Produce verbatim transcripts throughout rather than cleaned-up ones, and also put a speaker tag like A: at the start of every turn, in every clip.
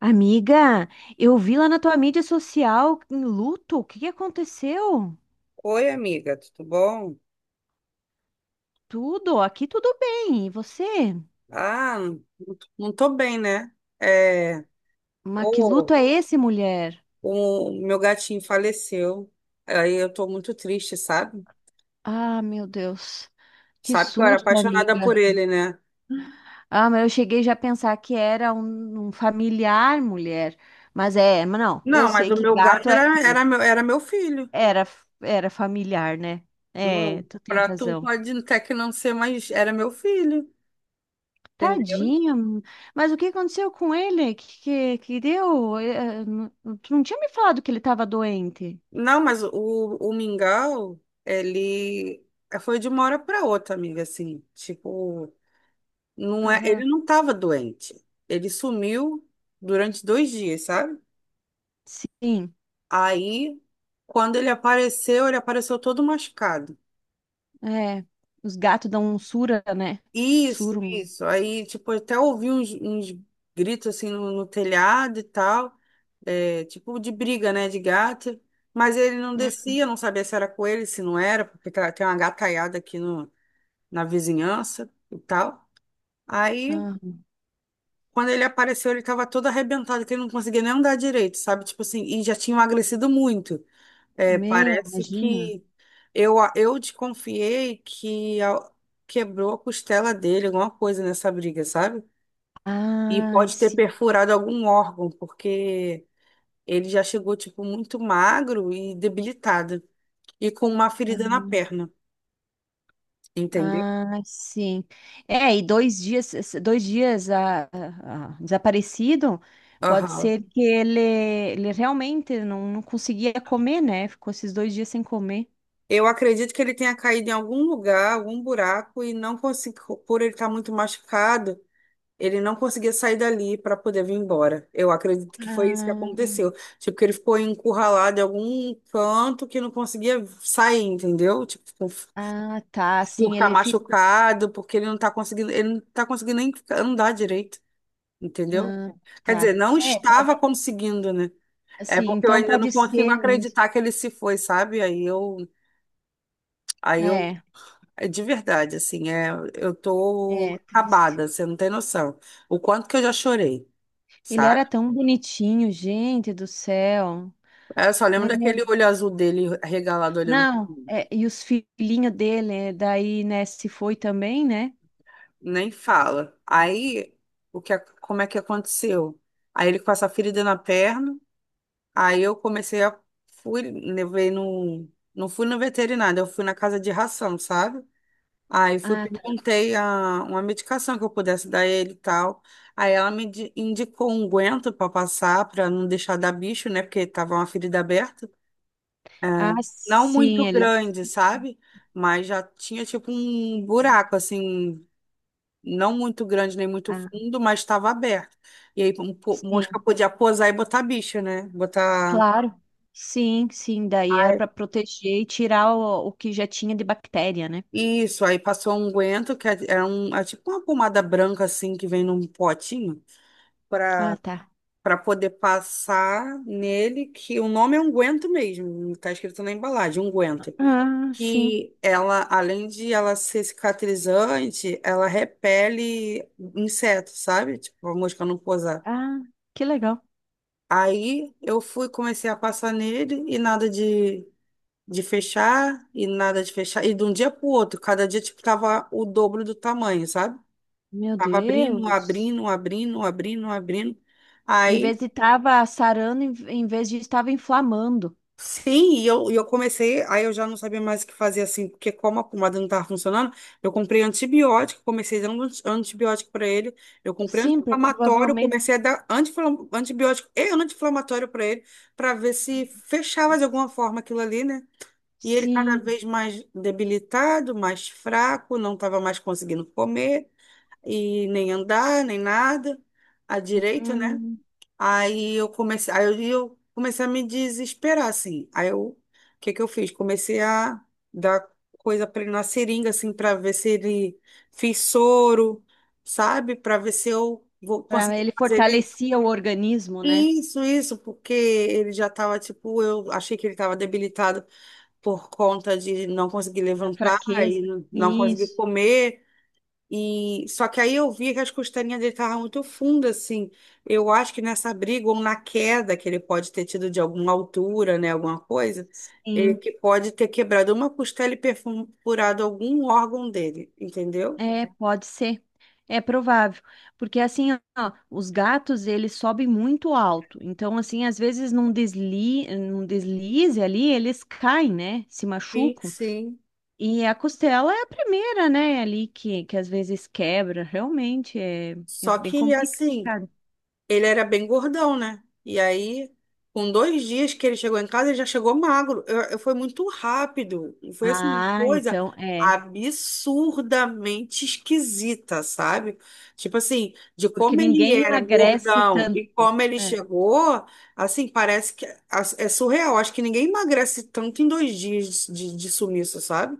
A: Amiga, eu vi lá na tua mídia social em luto. O que que aconteceu?
B: Oi, amiga, tudo bom?
A: Tudo, aqui tudo bem. E você?
B: Ah, não não tô bem, né? É,
A: Mas que luto
B: pô,
A: é esse, mulher?
B: o meu gatinho faleceu. Aí eu tô muito triste, sabe?
A: Ah, meu Deus. Que
B: Sabe que eu era
A: susto,
B: apaixonada por
A: amiga.
B: ele, né?
A: Ah, mas eu cheguei já a pensar que era um, um familiar, mulher. Mas é, mas não, eu
B: Não, mas
A: sei
B: o
A: que
B: meu gato
A: gato é
B: era, era, meu,
A: triste.
B: era meu filho.
A: Era, era familiar, né? É,
B: Não,
A: tu tem
B: pra tu
A: razão.
B: pode até que não ser, mas era meu filho, entendeu?
A: Tadinho, mas o que aconteceu com ele? Que, que, que deu? Eh, não- Tu não tinha me falado que ele estava doente?
B: Não, mas o, o Mingau, ele foi de uma hora pra outra, amiga, assim. Tipo, não é,
A: Aham.
B: ele não estava doente. Ele sumiu durante dois dias, sabe?
A: Sim,
B: Aí, quando ele apareceu, ele apareceu todo machucado.
A: é. Os gatos dão um sura, né?
B: Isso,
A: Surum.
B: isso. Aí, tipo, eu até ouvi uns, uns gritos assim no, no telhado e tal, é, tipo de briga, né, de gato. Mas ele não
A: Hum.
B: descia, não sabia se era com ele, se não era, porque tá- tem uma gataiada aqui no, na vizinhança e tal. Aí,
A: Aham.
B: quando ele apareceu, ele tava todo arrebentado, que ele não conseguia nem andar direito, sabe? Tipo assim, e já tinha emagrecido muito. É,
A: Meu,
B: parece
A: imagina.
B: que eu, a- eu desconfiei que a- quebrou a costela dele, alguma coisa nessa briga, sabe? E
A: Ai,
B: pode ter
A: sim.
B: perfurado algum órgão, porque ele já chegou, tipo, muito magro e debilitado, e com uma ferida na
A: Aham.
B: perna, entendeu?
A: Ai, sim. É, e dois dias, dois dias ah, ah, ah, desaparecido, pode
B: Aham.
A: ser que ele, ele realmente não, não conseguia comer, né? Ficou esses dois dias sem comer.
B: Eu acredito que ele tenha caído em algum lugar, algum buraco, e não conseguiu, por ele estar muito machucado. Ele não conseguia sair dali para poder vir embora. Eu acredito que foi isso que
A: Ah,
B: aconteceu. Tipo, que ele ficou encurralado em algum canto que não conseguia sair, entendeu? Tipo, por
A: ah, tá.
B: por
A: Assim
B: ficar
A: ele ficou.
B: machucado, porque ele não tá conseguindo, ele não tá conseguindo nem ficar- andar direito, entendeu?
A: Ah,
B: Quer dizer,
A: tá.
B: não
A: É,
B: estava
A: pode.
B: conseguindo, né? É
A: Assim,
B: porque eu
A: então
B: ainda não
A: pode
B: consigo
A: ser mesmo.
B: acreditar que ele se foi, sabe? Aí eu, aí eu,
A: É,
B: é de verdade, assim, é, eu tô
A: é triste.
B: acabada, você não tem noção. O quanto que eu já chorei,
A: Ele
B: sabe?
A: era tão bonitinho, gente do céu.
B: É, eu só lembro
A: É,
B: daquele olho azul dele regalado olhando,
A: não, é, e os filhinhos dele, é, daí, né, se foi também, né?
B: nem fala. Aí, o que, a- como é que aconteceu? Aí ele com essa ferida na perna, aí eu comecei a fui, levei no, não fui no veterinário, eu fui na casa de ração, sabe? Aí fui
A: Ah, tá.
B: perguntei a, uma medicação que eu pudesse dar ele e tal. Aí ela me di- indicou um guento para passar para não deixar dar bicho, né? Porque tava uma ferida aberta.
A: Ah,
B: Não
A: sim,
B: muito
A: eles.
B: grande, sabe? Mas já tinha tipo um buraco, assim, não muito grande nem muito
A: Ah,
B: fundo, mas estava aberto. E aí um po- mosca
A: sim,
B: podia posar e botar bicho, né? Botar.
A: claro. Sim, sim, daí era
B: Ai.
A: para proteger e tirar o, o que já tinha de bactéria, né?
B: Isso, aí passou um unguento, que é, é um, é tipo uma pomada branca, assim, que vem num potinho,
A: Ah,
B: para
A: tá.
B: para poder passar nele, que o nome é unguento mesmo, não tá escrito na embalagem, unguento.
A: Ah, sim.
B: Que ela, além de ela ser cicatrizante, ela repele insetos, sabe? Tipo, a mosca não pousar.
A: Ah, que legal.
B: Aí eu fui, comecei a passar nele e nada de, de fechar, e nada de fechar. E de um dia pro outro, cada dia, tipo, tava o dobro do tamanho, sabe?
A: Meu
B: Tava abrindo,
A: Deus.
B: abrindo, abrindo, abrindo, abrindo.
A: Em vez
B: Aí,
A: de estava sarando, em em vez de estava inflamando.
B: sim, e eu, e eu comecei, aí eu já não sabia mais o que fazer assim, porque como a pomada não estava funcionando, eu comprei antibiótico, comecei dando anti- antibiótico para ele, eu comprei
A: Sim, pro-
B: anti-inflamatório,
A: provavelmente.
B: comecei a dar anti-inflam- antibiótico e anti-inflamatório para ele, para ver se fechava de alguma forma aquilo ali, né? E ele cada
A: Sim.
B: vez mais debilitado, mais fraco, não estava mais conseguindo comer, e nem andar, nem nada, à direita, né?
A: Hum,
B: Aí eu comecei, aí eu, eu comecei a me desesperar, assim. Aí eu, o que que eu fiz? Comecei a dar coisa para ele na seringa, assim, para ver se ele fiz soro, sabe? Para ver se eu vou
A: pra-
B: conseguir
A: ele
B: fazer ele.
A: fortalecia o organismo, né?
B: Isso, isso, porque ele já estava, tipo, eu achei que ele estava debilitado por conta de não conseguir
A: A
B: levantar
A: fraqueza.
B: e não não conseguir
A: Isso.
B: comer. E só que aí eu vi que as costelinhas dele estavam muito fundas, assim. Eu acho que nessa briga ou na queda que ele pode ter tido de alguma altura, né, alguma coisa, ele
A: Sim.
B: que pode ter quebrado uma costela e perfurado algum órgão dele, entendeu?
A: É, pode ser. É provável. Porque assim, ó, os gatos, eles sobem muito alto. Então, assim, às vezes num desli, num deslize ali, eles caem, né? Se
B: Sim,
A: machucam.
B: sim.
A: E a costela é a primeira, né, ali que, que às vezes quebra, realmente é, é
B: Só
A: bem
B: que assim,
A: complicado.
B: ele era bem gordão, né? E aí, com dois dias que ele chegou em casa, ele já chegou magro. Eu, eu- foi muito rápido. Foi assim, uma
A: Ah,
B: coisa
A: então é,
B: absurdamente esquisita, sabe? Tipo assim, de
A: porque
B: como ele
A: ninguém
B: era
A: emagrece
B: gordão e
A: tanto.
B: como ele
A: É.
B: chegou, assim, parece que é é surreal. Acho que ninguém emagrece tanto em dois dias de, de, de sumiço, sabe?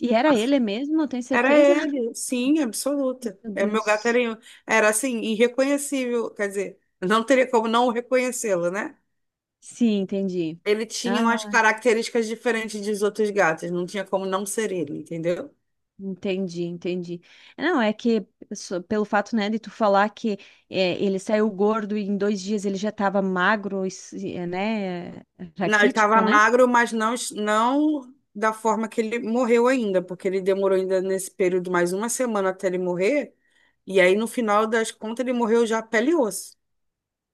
A: E era ele mesmo, tem
B: Era
A: certeza?
B: ele, sim, absoluta.
A: Meu
B: É, meu gato era,
A: Deus.
B: era assim, irreconhecível, quer dizer, não teria como não reconhecê-lo, né?
A: Sim, entendi.
B: Ele tinha
A: Ah,
B: umas características diferentes dos outros gatos, não tinha como não ser ele, entendeu?
A: entendi, entendi. Não, é que só pelo fato, né, de tu falar que é, ele saiu gordo e em dois dias ele já estava magro, e é, né,
B: Não, ele estava
A: raquítico, né?
B: magro, mas não, não da forma que ele morreu ainda, porque ele demorou ainda nesse período mais uma semana até ele morrer, e aí no final das contas ele morreu já pele e osso.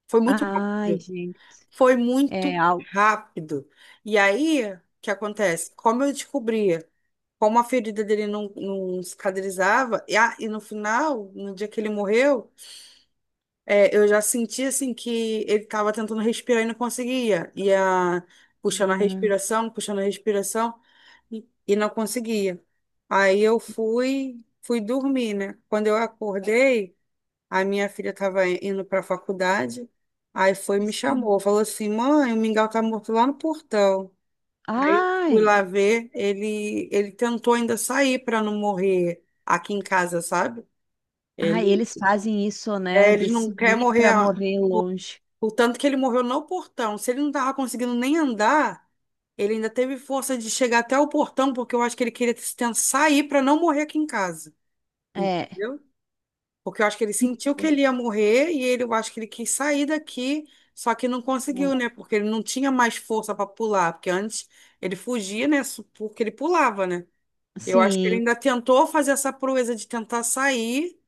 B: Foi muito
A: Ai,
B: rápido.
A: gente,
B: Foi
A: é
B: muito
A: algo.
B: rápido. E aí, o que acontece? Como eu descobri, como a ferida dele não, não cicatrizava, e, a- e no final, no dia que ele morreu, é, eu já senti assim que ele estava tentando respirar e não conseguia. E a, puxando a
A: Ah.
B: respiração, puxando a respiração, e, e não conseguia. Aí eu fui, fui, dormir, né? Quando eu acordei, a minha filha estava indo para a faculdade, aí foi e me
A: Sim.
B: chamou, falou assim, mãe, o Mingau tá morto lá no portão. Aí eu fui
A: Ai,
B: lá ver, ele, ele tentou ainda sair para não morrer aqui em casa, sabe?
A: ai,
B: Ele,
A: eles fazem isso, né?
B: é,
A: De
B: ele não quer
A: sair
B: morrer,
A: para morrer longe.
B: o tanto que ele morreu no portão. Se ele não tava conseguindo nem andar, ele ainda teve força de chegar até o portão, porque eu acho que ele queria tentar sair para não morrer aqui em casa.
A: É.
B: Entendeu? Porque eu acho que ele
A: Que
B: sentiu que
A: coisa.
B: ele ia morrer e ele, eu acho que ele quis sair daqui, só que não conseguiu, né? Porque ele não tinha mais força para pular, porque antes ele fugia, né? su- Porque ele pulava, né? Eu acho que ele
A: Sim.
B: ainda tentou fazer essa proeza de tentar sair,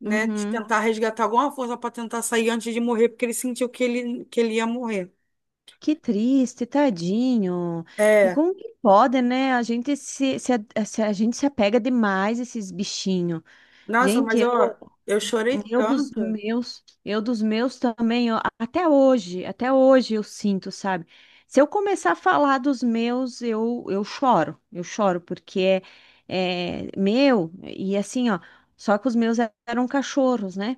B: né? De
A: Uhum.
B: tentar resgatar alguma força para tentar sair antes de morrer, porque ele sentiu que ele, que ele ia morrer.
A: Que triste, tadinho. E
B: É,
A: como que pode, né? A gente se, se, a, se a gente se apega demais a esses bichinhos.
B: nossa,
A: Gente,
B: mas eu,
A: eu
B: eu chorei
A: Eu dos
B: tanto.
A: meus, eu dos meus também, ó, até hoje, até hoje eu sinto, sabe? Se eu começar a falar dos meus, eu, eu choro, eu choro, porque é, é meu, e assim, ó, só que os meus eram cachorros, né?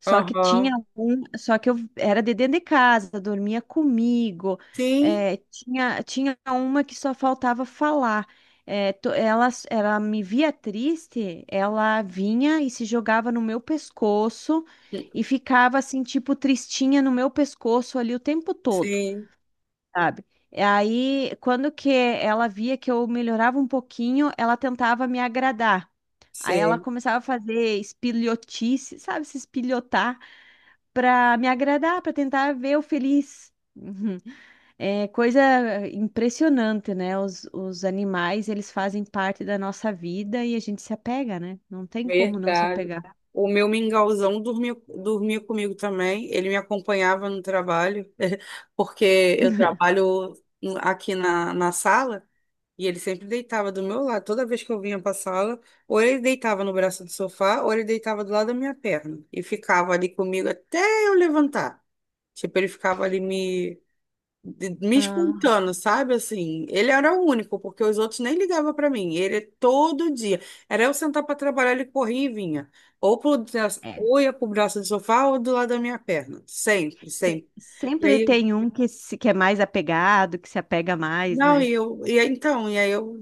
A: Só que tinha
B: Aham.
A: um, só que eu era de dentro de casa, dormia comigo.
B: Sim,
A: É, tinha, tinha uma que só faltava falar. É, to- ela, ela me via triste, ela vinha e se jogava no meu pescoço e ficava assim, tipo, tristinha no meu pescoço ali o tempo todo,
B: sim,
A: sabe? E aí, quando que ela via que eu melhorava um pouquinho, ela tentava me agradar. Aí ela
B: sei.
A: começava a fazer espilhotice, sabe, se espilhotar para me agradar, para tentar ver o feliz. Uhum. É coisa impressionante, né? Os, os animais, eles fazem parte da nossa vida e a gente se apega, né? Não tem como não se
B: Verdade.
A: apegar.
B: O meu mingauzão dormia, dormia comigo também. Ele me acompanhava no trabalho, porque eu trabalho no- aqui na, na sala e ele sempre deitava do meu lado. Toda vez que eu vinha para a sala, ou ele deitava no braço do sofá, ou ele deitava do lado da minha perna e ficava ali comigo até eu levantar. Tipo, ele ficava ali me de- me
A: Aham.
B: espantando, sabe? Assim, ele era o único, porque os outros nem ligavam para mim. Ele todo dia. Era eu sentar para trabalhar, ele corria e vinha. Ou, pro, braço-
A: É.
B: ou ia pro braço do sofá ou do lado da minha perna. Sempre,
A: Se-
B: sempre. E
A: sempre
B: aí,
A: tem um que, se, que é mais apegado, que se apega mais,
B: não,
A: né?
B: e eu, e aí, então, e aí eu,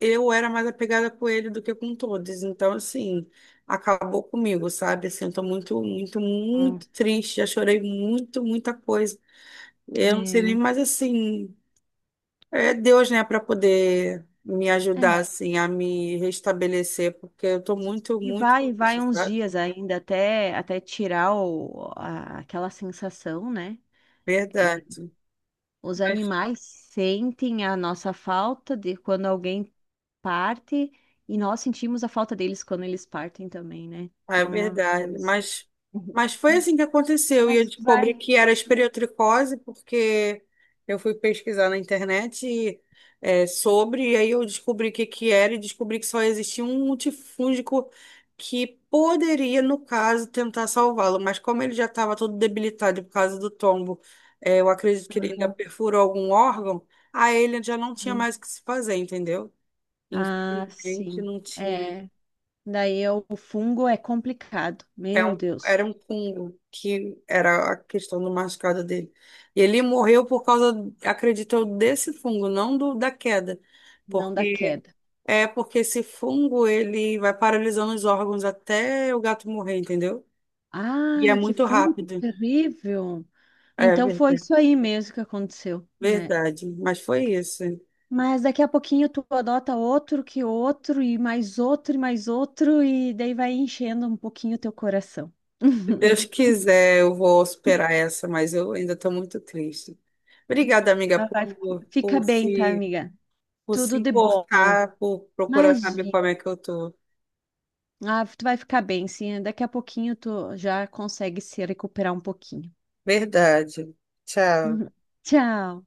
B: eu era mais apegada com ele do que com todos. Então, assim, acabou comigo, sabe? Assim, eu tô muito, muito,
A: Hum.
B: muito triste. Já chorei muito, muita coisa. Eu não
A: É,
B: sei nem
A: não-
B: mais assim. É Deus, né, para poder me ajudar,
A: É.
B: assim, a me restabelecer, porque eu tô muito,
A: E
B: muito,
A: vai, vai uns
B: sabe?
A: dias ainda até, até tirar o- a- aquela sensação, né? É,
B: Verdade.
A: os animais sentem a nossa falta de quando alguém parte e nós sentimos a falta deles quando eles partem também, né?
B: É
A: É uma
B: verdade,
A: coisa.
B: mas,
A: Uhum.
B: mas foi assim que aconteceu. E
A: Mas
B: eu descobri
A: vai.
B: que era esporotricose, porque eu fui pesquisar na internet e, é, sobre, e aí eu descobri o que, que era e descobri que só existia um multifúngico que poderia, no caso, tentar salvá-lo. Mas como ele já estava todo debilitado por causa do tombo, é, eu acredito que ele ainda
A: Aham.
B: perfurou algum órgão, aí ele já não tinha mais o que se fazer, entendeu?
A: Ah,
B: Infelizmente,
A: sim.
B: não tinha.
A: É. Daí eu- o fungo é complicado.
B: É
A: Meu
B: um,
A: Deus,
B: era um Kungo, que era a questão do machucado dele. E ele morreu por causa, acredito eu, desse fungo, não do, da queda.
A: não dá
B: Porque
A: queda.
B: é porque esse fungo ele vai paralisando os órgãos até o gato morrer, entendeu? E é
A: Ai, que
B: muito
A: fungo
B: rápido.
A: terrível.
B: É
A: Então foi
B: verdade.
A: isso aí mesmo que aconteceu, né?
B: Verdade. Mas foi isso.
A: Mas daqui a pouquinho tu adota outro que outro, e mais outro, e mais outro, e daí vai enchendo um pouquinho o teu coração.
B: Se Deus quiser, eu vou superar essa, mas eu ainda estou muito triste. Obrigada, amiga,
A: Mas vai,
B: por,
A: fica
B: por
A: bem, tá,
B: se,
A: amiga?
B: por
A: Tudo
B: se
A: de bom.
B: importar, por procurar saber
A: Imagina.
B: como é que eu tô.
A: Ah, tu vai ficar bem, sim. Daqui a pouquinho tu já consegue se recuperar um pouquinho.
B: Verdade. Tchau.
A: Tchau.